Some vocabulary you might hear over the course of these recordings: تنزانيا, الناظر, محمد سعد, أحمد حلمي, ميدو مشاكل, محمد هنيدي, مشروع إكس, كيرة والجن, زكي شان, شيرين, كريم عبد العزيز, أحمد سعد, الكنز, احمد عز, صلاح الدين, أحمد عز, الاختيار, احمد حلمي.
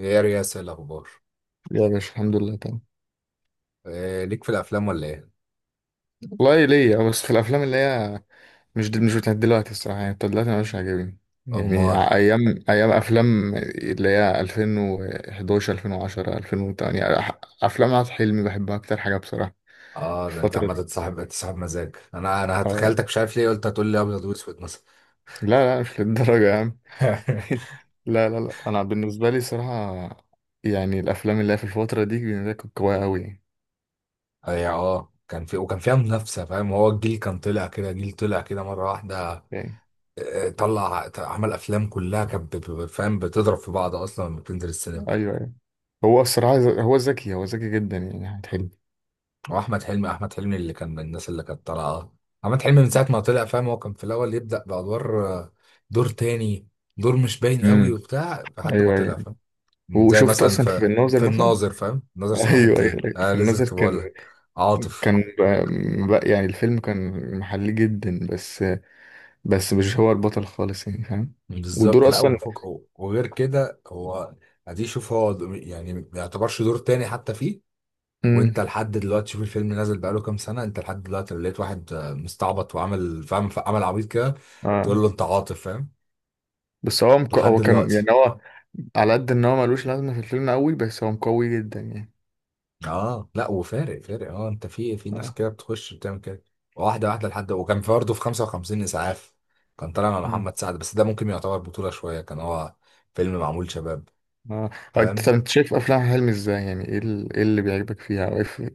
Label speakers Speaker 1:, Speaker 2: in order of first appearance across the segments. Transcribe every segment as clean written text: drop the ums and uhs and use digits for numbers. Speaker 1: ايه يا رياس، إيه الاخبار؟
Speaker 2: يا باشا، الحمد لله تمام.
Speaker 1: إيه ليك في الافلام ولا ايه؟
Speaker 2: والله ليا بس في الافلام اللي هي مش بتاعت دلوقتي الصراحه، يعني بتاعت دلوقتي مش عاجبني. يعني
Speaker 1: امار.
Speaker 2: ايام افلام اللي هي 2011 2010 2008 افلام عاد حلمي بحبها اكتر حاجه بصراحه
Speaker 1: اه
Speaker 2: في
Speaker 1: ده انت
Speaker 2: الفتره دي.
Speaker 1: عمال تصاحب، انت صاحب مزاج، انا
Speaker 2: آه.
Speaker 1: تخيلتك مش عارف ليه، قلت هتقول لي ابيض واسود مثلا.
Speaker 2: لا لا، مش للدرجه يا عم. لا لا لا، انا بالنسبه لي صراحه يعني الافلام اللي هي في الفتره دي بالنسبة لي كانت قويه قوي يعني.
Speaker 1: اي اه، كان في وكان فيها منافسه، فاهم؟ هو الجيل كان طلع كده، جيل طلع كده مره واحده.
Speaker 2: يعني-
Speaker 1: طلع عمل افلام كلها كانت فاهم، بتضرب في بعض اصلا لما بتنزل السينما.
Speaker 2: ايوه ايوه. هو الصراحه هو ذكي جدا يعني.
Speaker 1: واحمد حلمي اللي كان من الناس اللي كانت طالعه. احمد حلمي من ساعه ما
Speaker 2: حلمي.
Speaker 1: طلع فاهم، هو كان في الاول يبدا بادوار. دور تاني، دور مش باين قوي وبتاع لحد ما
Speaker 2: ايوه ايوه.
Speaker 1: طلع فاهم. زي
Speaker 2: وشفت
Speaker 1: مثلا
Speaker 2: اصلا في
Speaker 1: في
Speaker 2: الناظر مثلا.
Speaker 1: الناظر، فاهم؟ ناظر صلاح
Speaker 2: ايوه ايوه،
Speaker 1: الدين،
Speaker 2: أيوة.
Speaker 1: انا
Speaker 2: في
Speaker 1: لسه
Speaker 2: الناظر
Speaker 1: كنت بقول
Speaker 2: كان.
Speaker 1: لك عاطف.
Speaker 2: كان بقى بقى يعني الفيلم كان محلي جدا، بس مش هو البطل خالص يعني، فاهم؟
Speaker 1: بالظبط،
Speaker 2: ودور
Speaker 1: لا،
Speaker 2: اصلا.
Speaker 1: وفوق وغير كده هو، ادي شوف هو يعني ما يعتبرش دور تاني حتى فيه.
Speaker 2: امم.
Speaker 1: وانت لحد دلوقتي شوف الفيلم نازل بقاله كام سنه، انت لحد دلوقتي لقيت واحد مستعبط وعمل فاهم، عمل عبيط كده
Speaker 2: اه.
Speaker 1: تقول له انت عاطف، فاهم؟ لحد
Speaker 2: هو كان
Speaker 1: دلوقتي.
Speaker 2: يعني هو على قد ان هو ملوش لازمه في الفيلم قوي، بس هو مقوي جدا يعني.
Speaker 1: اه، لا وفارق فارق، اه، انت في ناس
Speaker 2: اه.
Speaker 1: كده بتخش بتعمل كده واحده واحده لحد. وكان في برضه في 55 اسعاف، كان طالع مع
Speaker 2: امم.
Speaker 1: محمد سعد، بس ده ممكن يعتبر بطوله شويه، كان هو فيلم معمول شباب،
Speaker 2: اه. هو انت، طب
Speaker 1: فاهم؟
Speaker 2: انت شايف افلام حلمي ازاي؟ يعني إيه اللي بيعجبك فيها،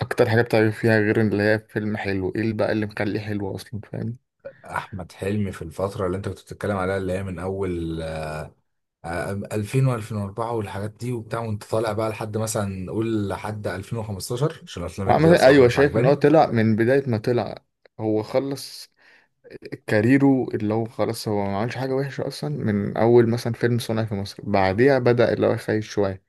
Speaker 2: اكتر حاجه بتعجبك فيها غير اللي هي فيلم حلو؟ ايه اللي بقى اللي مخليه حلو اصلا، فاهم؟
Speaker 1: احمد حلمي في الفتره اللي انت كنت بتتكلم عليها، اللي هي من اول 2000 و2004 والحاجات دي وبتاع، وانت طالع بقى لحد مثلا، قول لحد 2015، عشان الافلام الجديده
Speaker 2: عمل.
Speaker 1: بصراحه
Speaker 2: ايوه،
Speaker 1: مش
Speaker 2: شايف ان هو
Speaker 1: عجباني.
Speaker 2: طلع من بدايه ما طلع. هو خلص كاريره، اللي هو خلاص هو ما عملش حاجه وحشه اصلا من اول، مثلا فيلم صنع في مصر بعديها بدا اللي هو يخيش شويه.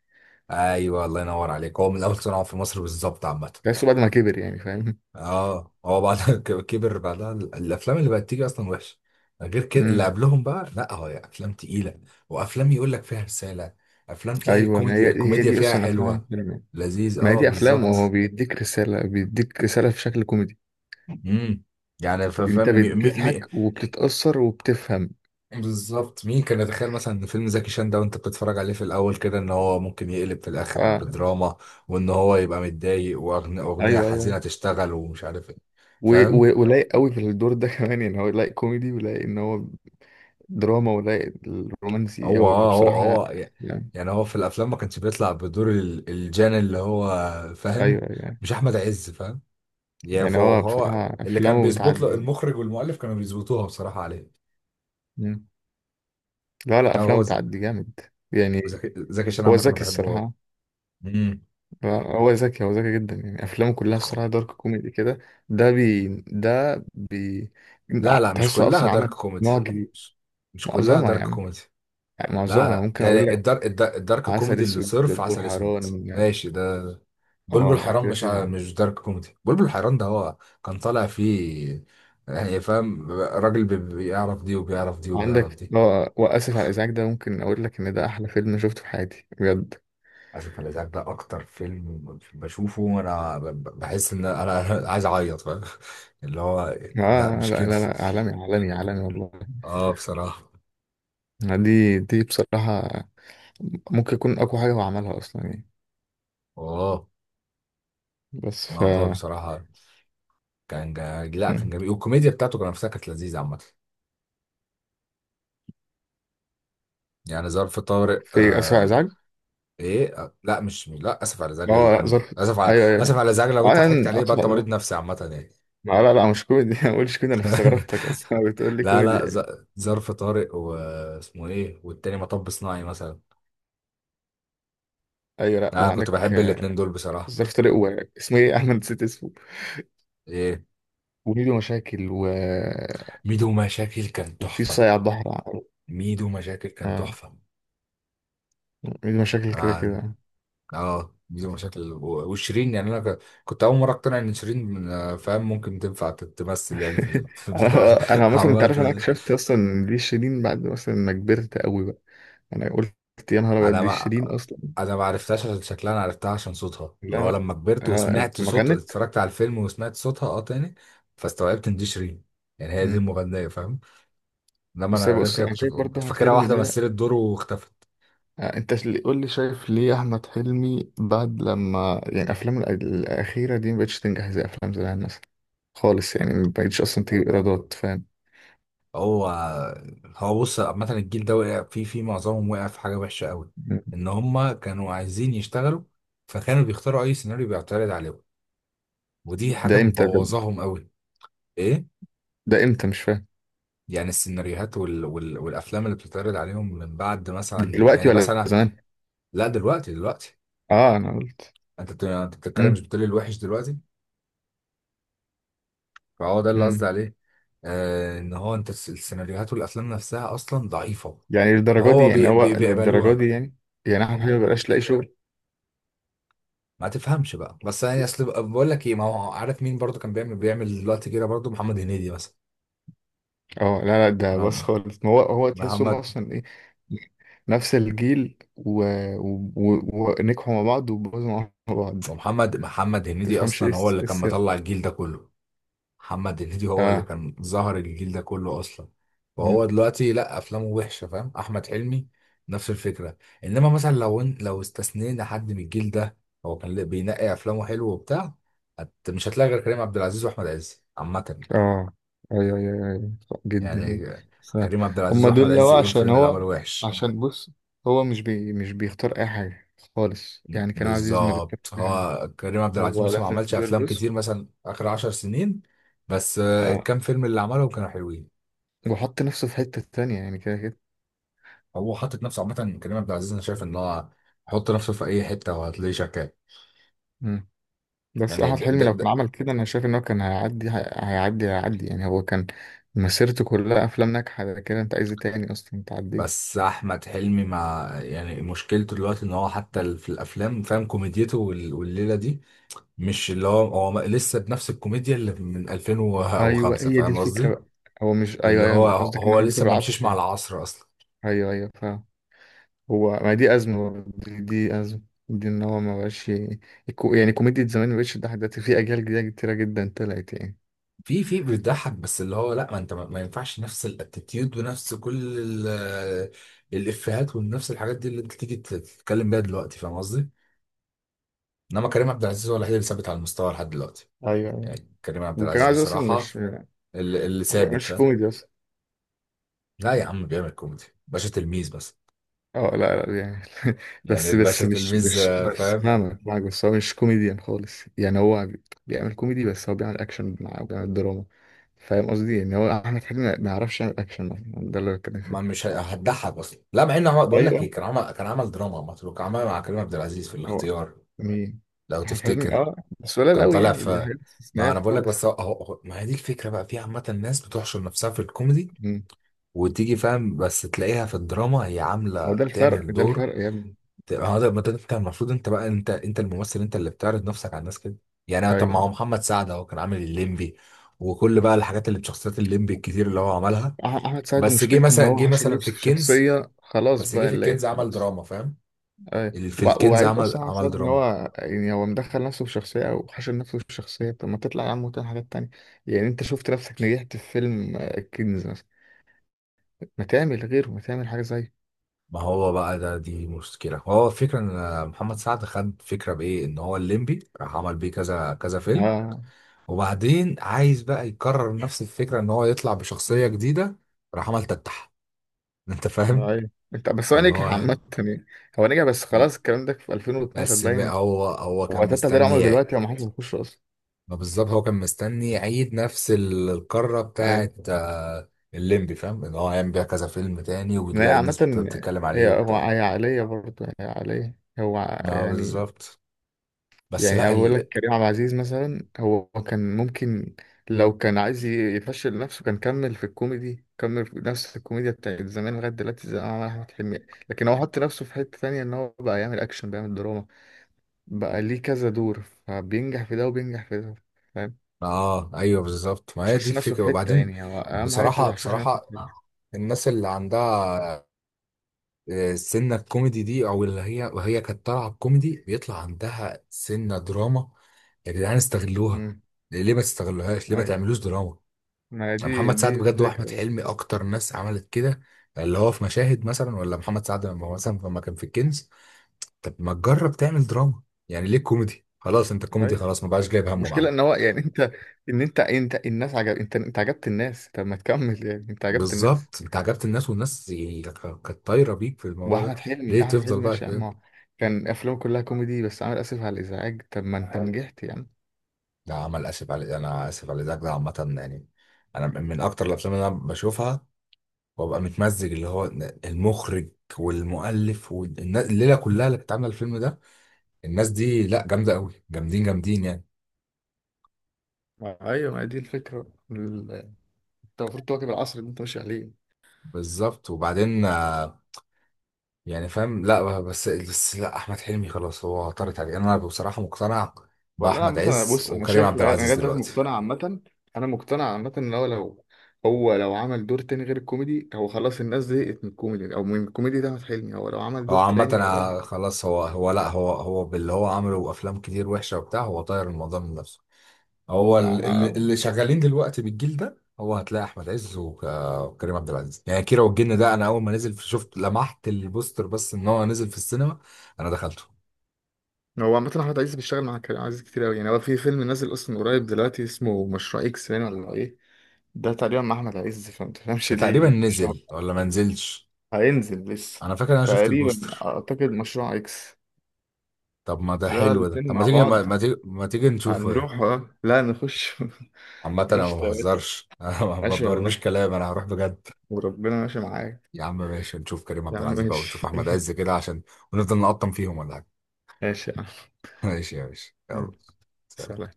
Speaker 1: ايوه، الله ينور عليك، هو من اول صناعه في مصر بالظبط عامه.
Speaker 2: تحسه بعد ما كبر، يعني فاهم.
Speaker 1: اه، هو بعدها كبر، بعدها الافلام اللي بقت تيجي اصلا وحشه، غير كده اللي
Speaker 2: امم.
Speaker 1: قبلهم بقى، لا، هو افلام تقيله، وافلام يقول لك فيها رساله، افلام تلاقي
Speaker 2: ايوه، ما
Speaker 1: الكوميدي
Speaker 2: هي
Speaker 1: الكوميديا
Speaker 2: دي
Speaker 1: فيها
Speaker 2: اصلا افلام
Speaker 1: حلوه،
Speaker 2: فيلم.
Speaker 1: لذيذ،
Speaker 2: ما هي
Speaker 1: اه
Speaker 2: دي افلام وهو
Speaker 1: بالظبط.
Speaker 2: بيديك رساله، بيديك رساله في شكل كوميدي.
Speaker 1: امم. يعني
Speaker 2: انت
Speaker 1: فاهم
Speaker 2: بتضحك وبتتاثر وبتفهم.
Speaker 1: بالظبط، مين كان يتخيل مثلا ان فيلم زكي شان ده، وانت بتتفرج عليه في الاول كده، ان هو ممكن يقلب في الاخر
Speaker 2: اه
Speaker 1: بدراما، وان هو يبقى متضايق واغنيه أغنية
Speaker 2: ايوه ايوه،
Speaker 1: حزينه
Speaker 2: أيوة.
Speaker 1: تشتغل ومش عارف ايه. فاهم؟
Speaker 2: ولايق قوي في الدور ده كمان، يعني هو لايق كوميدي، ولايق ان هو دراما، ولا الرومانسي
Speaker 1: هو
Speaker 2: هو
Speaker 1: اه هو
Speaker 2: بصراحة لا.
Speaker 1: هو ي-
Speaker 2: يعني
Speaker 1: يعني هو في الافلام ما كانش بيطلع بدور الجان اللي هو،
Speaker 2: أيوه
Speaker 1: فاهم؟
Speaker 2: أيوه يعني.
Speaker 1: مش احمد عز، فاهم؟ يعني
Speaker 2: يعني
Speaker 1: فهو,
Speaker 2: هو
Speaker 1: فهو
Speaker 2: بصراحة
Speaker 1: اللي كان
Speaker 2: أفلامه
Speaker 1: بيظبط له،
Speaker 2: بتعدي.
Speaker 1: المخرج والمؤلف كانوا بيظبطوها بصراحه عليه.
Speaker 2: مم. لا لا،
Speaker 1: لا، هو
Speaker 2: أفلامه
Speaker 1: ذكي.
Speaker 2: بتعدي جامد يعني.
Speaker 1: زكي شان
Speaker 2: هو
Speaker 1: عامه، انا
Speaker 2: ذكي
Speaker 1: بحبه أوي.
Speaker 2: الصراحة.
Speaker 1: امم.
Speaker 2: هو ذكي جدا يعني. أفلامه كلها الصراحة دارك كوميدي كده. ده بي ده بي
Speaker 1: لا لا، مش
Speaker 2: تحسه
Speaker 1: كلها
Speaker 2: أصلا
Speaker 1: دارك
Speaker 2: عمل
Speaker 1: كوميدي.
Speaker 2: نوع جديد.
Speaker 1: مش, مش كلها
Speaker 2: معظمها
Speaker 1: دارك
Speaker 2: يعني
Speaker 1: كوميدي.
Speaker 2: يعني
Speaker 1: لا
Speaker 2: معظمها
Speaker 1: لا،
Speaker 2: ممكن أقول
Speaker 1: يعني
Speaker 2: لك.
Speaker 1: الدارك
Speaker 2: عسل
Speaker 1: كوميدي اللي
Speaker 2: أسود،
Speaker 1: صرف،
Speaker 2: بلبول
Speaker 1: عسل اسود،
Speaker 2: حيران.
Speaker 1: ماشي ده. بلبل
Speaker 2: اه،
Speaker 1: حيران
Speaker 2: كده
Speaker 1: مش ع...
Speaker 2: كده.
Speaker 1: مش دارك كوميدي، بلبل حيران ده هو كان طالع فيه، يعني فاهم، راجل بيعرف دي وبيعرف دي وبيعرف
Speaker 2: عندك
Speaker 1: دي.
Speaker 2: اه، واسف على الازعاج ده ممكن اقول لك ان ده احلى فيلم شفته في حياتي بجد.
Speaker 1: اشوف الازعاج ده، اكتر فيلم بشوفه وانا بحس ان انا عايز اعيط، فاهم اللي هو؟ لا،
Speaker 2: اه
Speaker 1: مش
Speaker 2: لا
Speaker 1: كده.
Speaker 2: لا لا، عالمي عالمي عالمي والله.
Speaker 1: اه بصراحة.
Speaker 2: دي بصراحة ممكن يكون أقوى حاجة هو عملها أصلا يعني.
Speaker 1: اه،
Speaker 2: بس.
Speaker 1: الموضوع بصراحة كان لا، كان جميل، والكوميديا بتاعته كان نفسها كانت لذيذة عامة، يعني ظرف طارق
Speaker 2: في أسرع
Speaker 1: آه،
Speaker 2: إزعاج.
Speaker 1: ايه لا، مش، لا، اسف على ازعاج
Speaker 2: اه،
Speaker 1: إيه اللي
Speaker 2: لا
Speaker 1: كوميدي؟
Speaker 2: ظرف.
Speaker 1: اسف على
Speaker 2: أيوه أيوه.
Speaker 1: اسف على ازعاج لو انت ضحكت
Speaker 2: أنا
Speaker 1: عليه يبقى
Speaker 2: أسرع
Speaker 1: انت
Speaker 2: إزعاج
Speaker 1: مريض
Speaker 2: لا.
Speaker 1: نفسي عامه يعني.
Speaker 2: لا لا مش كوميدي، ما بقولش كوميدي. أنا استغربتك أصلا بتقول لي
Speaker 1: لا
Speaker 2: كوميدي
Speaker 1: لا،
Speaker 2: يعني.
Speaker 1: ظرف طارق، واسمه ايه، والتاني مطب صناعي مثلا.
Speaker 2: أيوه، لا
Speaker 1: انا كنت
Speaker 2: وعندك
Speaker 1: بحب الاتنين دول بصراحه.
Speaker 2: ظرف طارق، واسمه إيه؟ أحمد، نسيت اسمه.
Speaker 1: ايه.
Speaker 2: وميدو مشاكل
Speaker 1: ميدو مشاكل كان
Speaker 2: وفي
Speaker 1: تحفه.
Speaker 2: صايع الظهر.
Speaker 1: ميدو مشاكل كان
Speaker 2: آه،
Speaker 1: تحفه.
Speaker 2: ميدو مشاكل كده
Speaker 1: انا
Speaker 2: كده.
Speaker 1: اه، ميدو مشاكل وشيرين، يعني انا كنت اول مره اقتنع ان شيرين فاهم، ممكن تنفع تمثل يعني في في البتاع.
Speaker 2: انا انا مثلا انت
Speaker 1: عامه،
Speaker 2: عارف انا اكتشفت اصلا ان دي شيرين بعد مثلا ما كبرت قوي بقى. انا قلت يا نهار ابيض،
Speaker 1: انا
Speaker 2: دي
Speaker 1: ما
Speaker 2: شيرين اصلا.
Speaker 1: انا ما عرفتهاش عشان شكلها، انا عرفتها عشان صوتها، اللي هو
Speaker 2: لا،
Speaker 1: لما كبرت
Speaker 2: انا
Speaker 1: وسمعت
Speaker 2: لما
Speaker 1: صوت،
Speaker 2: غنت.
Speaker 1: اتفرجت على الفيلم وسمعت صوتها تاني، فاستوعبت ان دي شيرين، يعني هي دي
Speaker 2: مم.
Speaker 1: المغنيه، فاهم؟ انما
Speaker 2: بس
Speaker 1: انا
Speaker 2: أنا
Speaker 1: غير
Speaker 2: بص،
Speaker 1: كده
Speaker 2: انا
Speaker 1: كنت
Speaker 2: شايف برضه
Speaker 1: كنت
Speaker 2: احمد
Speaker 1: فاكرها
Speaker 2: حلمي
Speaker 1: واحده
Speaker 2: بدأ.
Speaker 1: مثلت دور واختفت.
Speaker 2: انت اللي قول لي، شايف ليه احمد حلمي بعد لما يعني افلامه الاخيره دي ما بقتش تنجح زي افلام زمان مثلا؟ خالص يعني ما بقتش اصلا تجيب ايرادات، فاهم؟
Speaker 1: هو هو بص عامه، الجيل ده وقع في معظمهم، وقع في حاجه وحشه قوي،
Speaker 2: مم.
Speaker 1: ان هم كانوا عايزين يشتغلوا، فكانوا بيختاروا اي سيناريو بيعترض عليهم، ودي حاجه
Speaker 2: ده امتى ده،
Speaker 1: مبوظاهم قوي. ايه؟
Speaker 2: ده امتى مش فاهم.
Speaker 1: يعني السيناريوهات والافلام اللي بتتعرض عليهم من بعد مثلا،
Speaker 2: دلوقتي
Speaker 1: يعني
Speaker 2: ولا
Speaker 1: مثلا.
Speaker 2: زمان؟
Speaker 1: لا، دلوقتي دلوقتي.
Speaker 2: اه انا قلت.
Speaker 1: انت بتتكلم،
Speaker 2: مم.
Speaker 1: مش بتقول لي الوحش دلوقتي؟ فهو ده اللي قصدي
Speaker 2: مم.
Speaker 1: عليه. ان هو انت السيناريوهات والافلام نفسها اصلا ضعيفه،
Speaker 2: يعني للدرجة دي
Speaker 1: فهو
Speaker 2: يعني،
Speaker 1: بي...
Speaker 2: هو
Speaker 1: بي...
Speaker 2: للدرجة
Speaker 1: بيقبلوها
Speaker 2: دي يعني؟ يعني احمد حبيبي مبقاش لاقي شغل؟
Speaker 1: ما تفهمش بقى، بس يعني اصل، بقول لك ايه، ما هو عارف مين برضو كان بيعمل دلوقتي كده برضو، محمد هنيدي مثلا.
Speaker 2: اه لا لا، ده
Speaker 1: نعم.
Speaker 2: بس خالص. ما هو تحسهم
Speaker 1: محمد.
Speaker 2: اصلا ايه. نفس الجيل ونجحوا مع بعض وبوظوا مع بعض.
Speaker 1: محمد هنيدي
Speaker 2: تفهمش ايه
Speaker 1: اصلا هو
Speaker 2: الس-
Speaker 1: اللي
Speaker 2: إيه
Speaker 1: كان
Speaker 2: السر.
Speaker 1: مطلع الجيل ده كله، محمد هنيدي هو اللي
Speaker 2: اه.
Speaker 1: كان ظهر الجيل ده كله اصلا،
Speaker 2: مم.
Speaker 1: وهو دلوقتي لا، افلامه وحشه، فاهم؟ احمد حلمي نفس الفكره. انما مثلا لو استثنينا حد من الجيل ده، هو كان بينقي افلامه حلو وبتاع. مش هتلاقي غير كريم عبد العزيز واحمد عز عامه،
Speaker 2: اه ايوه ايوه ايوه، صح جدا يعني.
Speaker 1: يعني
Speaker 2: صح.
Speaker 1: كريم عبد العزيز
Speaker 2: هما
Speaker 1: واحمد
Speaker 2: دول لو
Speaker 1: عز ايه
Speaker 2: عشان
Speaker 1: الفيلم اللي
Speaker 2: هو
Speaker 1: عمله وحش؟
Speaker 2: عشان بص. هو مش بيختار اي حاجة خالص، يعني كريم عبد العزيز ما
Speaker 1: بالظبط،
Speaker 2: بيختارش أي حاجة.
Speaker 1: هو كريم عبد العزيز
Speaker 2: هو
Speaker 1: مثلا ما
Speaker 2: لازم
Speaker 1: عملش
Speaker 2: يدور،
Speaker 1: افلام
Speaker 2: بص.
Speaker 1: كتير، مثلا اخر عشر سنين، بس
Speaker 2: آه،
Speaker 1: الكام فيلم اللي عملهم كانوا حلوين.
Speaker 2: وحط نفسه في حتة تانية يعني كده كده.
Speaker 1: هو حاطط نفسه عامة، كريم عبد العزيز أنا شايف إن هو حط نفسه في أي حتة وهتلاقيه شغال.
Speaker 2: مم. بس
Speaker 1: يعني
Speaker 2: أحمد
Speaker 1: ده
Speaker 2: حلمي
Speaker 1: ده
Speaker 2: لو كان
Speaker 1: ده
Speaker 2: عمل كده أنا شايف إن هو كان هيعدي يعني. هو كان مسيرته كلها أفلام ناجحة، ده كده أنت عايز إيه تاني أصلا، أنت عديت.
Speaker 1: بس أحمد حلمي مع يعني، مشكلته دلوقتي إن هو حتى في الأفلام فاهم، كوميديته والليلة دي مش اللي هو، لسه بنفس الكوميديا اللي من
Speaker 2: أيوه،
Speaker 1: 2005،
Speaker 2: هي دي
Speaker 1: فاهم
Speaker 2: الفكرة
Speaker 1: قصدي؟
Speaker 2: بقى. هو مش أيوه
Speaker 1: اللي هو،
Speaker 2: أيوه، قصدك إن
Speaker 1: هو
Speaker 2: هو بيكون
Speaker 1: لسه ما
Speaker 2: بالعافية
Speaker 1: مشيش مع
Speaker 2: يعني.
Speaker 1: العصر أصلا.
Speaker 2: أيوه أيوه، فاهم. هو، ما دي أزمة برضه، دي أزمة. دي إن هو ما بقاش يعني كوميديا زمان ما بقتش تضحك دلوقتي، في أجيال جديدة كتيرة جدا طلعت يعني.
Speaker 1: في بيضحك، بس اللي هو لا، ما انت، ما ينفعش نفس الاتيتيود ونفس كل الافيهات ونفس الحاجات دي اللي انت تيجي تتكلم بيها دلوقتي، فاهم قصدي؟ انما كريم عبد العزيز هو الوحيد اللي ثابت على المستوى لحد دلوقتي،
Speaker 2: أيوه أيوه.
Speaker 1: يعني كريم عبد
Speaker 2: وكان
Speaker 1: العزيز
Speaker 2: عايز أصلا
Speaker 1: بصراحه
Speaker 2: مش
Speaker 1: اللي ثابت،
Speaker 2: مش
Speaker 1: فاهم؟
Speaker 2: كوميدي أصلا.
Speaker 1: لا يا عم، بيعمل كوميدي، باشا تلميذ بس،
Speaker 2: اه لا لا يعني.
Speaker 1: يعني
Speaker 2: بس
Speaker 1: الباشا
Speaker 2: بس مش
Speaker 1: تلميذ
Speaker 2: مش
Speaker 1: آه،
Speaker 2: بس
Speaker 1: فاهم،
Speaker 2: فاهمك، معاك، بس هو مش كوميديان خالص يعني. هو بيعمل كوميدي، بس هو بيعمل اكشن معاه وبيعمل دراما. فاهم قصدي؟ يعني هو احمد حلمي ما يعرفش يعمل اكشن مثلا، ده اللي بتكلم
Speaker 1: ما
Speaker 2: فيه.
Speaker 1: مش هتضحك اصلا، لا، مع ان هو، بقول لك
Speaker 2: ايوه.
Speaker 1: ايه، كان عمل دراما مع مطروح، كان عمل مع كريم عبد العزيز في
Speaker 2: هو.
Speaker 1: الاختيار،
Speaker 2: مين؟
Speaker 1: لو
Speaker 2: احمد حلمي،
Speaker 1: تفتكر،
Speaker 2: اه. بس قليل
Speaker 1: كان
Speaker 2: قوي
Speaker 1: طالع
Speaker 2: يعني، دي
Speaker 1: في.
Speaker 2: حاجات
Speaker 1: ما
Speaker 2: استثنائيه
Speaker 1: انا بقول لك،
Speaker 2: خالص.
Speaker 1: بس ما هي دي الفكره بقى، في عامه الناس بتحشر نفسها في الكوميدي،
Speaker 2: مم.
Speaker 1: وتيجي فاهم بس تلاقيها في الدراما هي عامله
Speaker 2: ما هو ده الفرق،
Speaker 1: بتعمل
Speaker 2: ده
Speaker 1: دور.
Speaker 2: الفرق يا ابني.
Speaker 1: اه ده، ما ده انت المفروض، انت بقى، انت الممثل، انت اللي بتعرض نفسك على الناس كده. يعني
Speaker 2: ايوه،
Speaker 1: طب، ما هو
Speaker 2: أيوة.
Speaker 1: محمد سعد اهو كان عامل الليمبي، وكل بقى الحاجات اللي بشخصيات الليمبي الكتير اللي هو عملها،
Speaker 2: احمد سعد
Speaker 1: بس جه
Speaker 2: مشكلته ان
Speaker 1: مثلا
Speaker 2: هو
Speaker 1: جه
Speaker 2: حشر
Speaker 1: مثلا في
Speaker 2: نفسه في
Speaker 1: الكنز،
Speaker 2: شخصيه، خلاص
Speaker 1: بس جه
Speaker 2: بقى
Speaker 1: في
Speaker 2: اللي هي
Speaker 1: الكنز عمل
Speaker 2: خلاص.
Speaker 1: دراما، فاهم؟
Speaker 2: أي.
Speaker 1: في الكنز
Speaker 2: وعيب
Speaker 1: عمل
Speaker 2: اصلا على
Speaker 1: عمل
Speaker 2: سعد ان
Speaker 1: دراما.
Speaker 2: هو يعني، هو مدخل نفسه في شخصيه او حاشر نفسه في شخصيه، طب ما تطلع يا عم وتعمل حاجات تانية. يعني انت شفت نفسك نجحت في فيلم الكنز مثلا، ما تعمل غيره، ما تعمل حاجه زيه.
Speaker 1: ما هو بقى، ده دي مشكلة، هو الفكرة ان محمد سعد خد فكرة بايه ان هو الليمبي راح عمل بيه كذا كذا فيلم،
Speaker 2: اه.
Speaker 1: وبعدين عايز بقى يكرر نفس الفكرة ان هو يطلع بشخصية جديدة، راح عمل تتح، انت فاهم
Speaker 2: أي. انت بس، هو
Speaker 1: فاللي
Speaker 2: نجح
Speaker 1: هو
Speaker 2: عامه
Speaker 1: إيه؟
Speaker 2: يعني. هو نجح بس، خلاص الكلام ده في 2012
Speaker 1: بس
Speaker 2: باين.
Speaker 1: هو
Speaker 2: هو
Speaker 1: كان
Speaker 2: تاتا ده عمره
Speaker 1: مستني.
Speaker 2: دلوقتي، هو ما حدش بيخش اصلا.
Speaker 1: ما بالظبط، هو كان مستني يعيد نفس القارة
Speaker 2: اي.
Speaker 1: بتاعت الليمبي، فاهم ان هو هيعمل بيها كذا فيلم تاني،
Speaker 2: ما هي
Speaker 1: وبتلاقي
Speaker 2: عامه،
Speaker 1: الناس بتتكلم عليه
Speaker 2: هي هو
Speaker 1: وبتاع.
Speaker 2: هي عاليه برضه، هي عاليه هو،
Speaker 1: اه
Speaker 2: يعني
Speaker 1: بالظبط. بس
Speaker 2: يعني أنا
Speaker 1: لا
Speaker 2: بقول لك كريم عبد العزيز مثلا هو كان ممكن، لو كان عايز يفشل نفسه كان كمل في الكوميدي، كمل في نفس الكوميديا بتاعت زمان لغاية دلوقتي زي ما عمل أحمد حلمي. لكن هو حط نفسه في حتة تانية، إن هو بقى يعمل أكشن، بيعمل دراما، بقى ليه كذا دور، فبينجح في ده وبينجح في ده، فاهم؟
Speaker 1: اه ايوه، بالظبط، ما هي دي
Speaker 2: مشاش نفسه
Speaker 1: الفكرة،
Speaker 2: في حتة،
Speaker 1: وبعدين
Speaker 2: يعني هو أهم حاجة أنت
Speaker 1: بصراحة،
Speaker 2: متحشوش
Speaker 1: بصراحة
Speaker 2: نفسك في حتة.
Speaker 1: الناس اللي عندها سنة الكوميدي دي، او اللي هي، وهي كانت طالعة الكوميدي بيطلع عندها سنة دراما، يا جدعان استغلوها،
Speaker 2: أمم.
Speaker 1: ليه ما تستغلوهاش، ليه ما
Speaker 2: أي.
Speaker 1: تعملوش دراما؟
Speaker 2: ما هي دي
Speaker 1: محمد سعد
Speaker 2: دي
Speaker 1: بجد
Speaker 2: فكرة
Speaker 1: واحمد
Speaker 2: بقى.
Speaker 1: حلمي اكتر ناس عملت كده، اللي هو في مشاهد مثلا، ولا محمد سعد لما هو مثلا، لما كان في الكنز طب ما تجرب تعمل دراما، يعني ليه كوميدي؟ خلاص انت كوميدي،
Speaker 2: أي.
Speaker 1: خلاص ما بقاش جايب همه
Speaker 2: المشكلة
Speaker 1: معاك.
Speaker 2: إن هو يعني أنت، إن أنت الناس عجب، أنت عجبت الناس، طب ما تكمل يعني أنت عجبت الناس.
Speaker 1: بالظبط، انت عجبت الناس، والناس يعني كانت طايره بيك في الموضوع ده،
Speaker 2: واحمد حلمي
Speaker 1: ليه
Speaker 2: احمد
Speaker 1: تفضل
Speaker 2: حلمي
Speaker 1: بقى
Speaker 2: ماشي يا عم.
Speaker 1: كده؟
Speaker 2: هو كان افلامه كلها كوميدي، بس عامل اسف على الازعاج، طب ما انت نجحت يا عم.
Speaker 1: ده عمل اسف على، انا اسف على ذاك ده عامه يعني، انا من اكتر الافلام اللي انا بشوفها وابقى متمزج، اللي هو المخرج والمؤلف والناس الليله كلها اللي كانت عامله الفيلم ده، الناس دي لا، جامدة قوي، جامدين جامدين، يعني
Speaker 2: ايوه، ما هي دي الفكره انت المفروض تواكب العصر اللي انت ماشي عليه.
Speaker 1: بالظبط. وبعدين، يعني فاهم، لا بس لا، احمد حلمي خلاص هو طارت عليه، انا بصراحة مقتنع
Speaker 2: والله
Speaker 1: باحمد
Speaker 2: عامة، أنا
Speaker 1: عز
Speaker 2: بص أنا
Speaker 1: وكريم
Speaker 2: شايف
Speaker 1: عبد
Speaker 2: أنا لغاية
Speaker 1: العزيز
Speaker 2: دلوقتي
Speaker 1: دلوقتي.
Speaker 2: مقتنع عامة. أنا مقتنع عامة إن هو لو، هو لو عمل دور تاني غير الكوميدي، هو خلاص الناس زهقت من الكوميدي أو من الكوميدي ده، أحمد حلمي هو لو عمل
Speaker 1: هو
Speaker 2: دور
Speaker 1: عامة
Speaker 2: تاني هو.
Speaker 1: خلاص هو، هو لا هو هو باللي هو عمله، وافلام كتير وحشة وبتاع، هو طاير الموضوع من نفسه. هو اللي شغالين دلوقتي بالجيل ده، هو هتلاقي احمد عز وكريم عبد العزيز، يعني كيرة والجن
Speaker 2: لا.
Speaker 1: ده انا اول ما نزل شفت، لمحت البوستر بس ان هو نزل في السينما، انا دخلته.
Speaker 2: هو عامة أحمد عز بيشتغل مع كريم عبد العزيز كتير أوي يعني، هو في فيلم نازل أصلا قريب دلوقتي اسمه مشروع إكس، باين ولا إيه؟ ده تقريبا مع أحمد عز، فما تفهمش ليه
Speaker 1: تقريبا
Speaker 2: يعني، مش
Speaker 1: نزل
Speaker 2: عارف.
Speaker 1: ولا ما نزلش؟
Speaker 2: هينزل لسه.
Speaker 1: انا فاكر إن انا شفت
Speaker 2: تقريبا
Speaker 1: البوستر.
Speaker 2: أعتقد مشروع إكس.
Speaker 1: طب ما ده
Speaker 2: ده
Speaker 1: حلو ده،
Speaker 2: الاتنين
Speaker 1: طب ما
Speaker 2: مع
Speaker 1: تيجي ما,
Speaker 2: بعض.
Speaker 1: ما تيجي ما تيجي نشوفه.
Speaker 2: هنروح لا نخش.
Speaker 1: عامة انا ما
Speaker 2: قشطة يا باشا.
Speaker 1: بهزرش، انا ما
Speaker 2: ماشي
Speaker 1: برميش
Speaker 2: والله،
Speaker 1: كلام، انا هروح بجد.
Speaker 2: وربنا ماشي معاك.
Speaker 1: يا عم ماشي، نشوف كريم
Speaker 2: يا
Speaker 1: عبد
Speaker 2: عم
Speaker 1: العزيز بقى ونشوف
Speaker 2: ماشي.
Speaker 1: احمد عز كده، عشان ونفضل نقطم فيهم ولا حاجة.
Speaker 2: ماشي يا عم.
Speaker 1: ماشي يا باشا، يلا.
Speaker 2: يلا،
Speaker 1: سلام.
Speaker 2: سلام.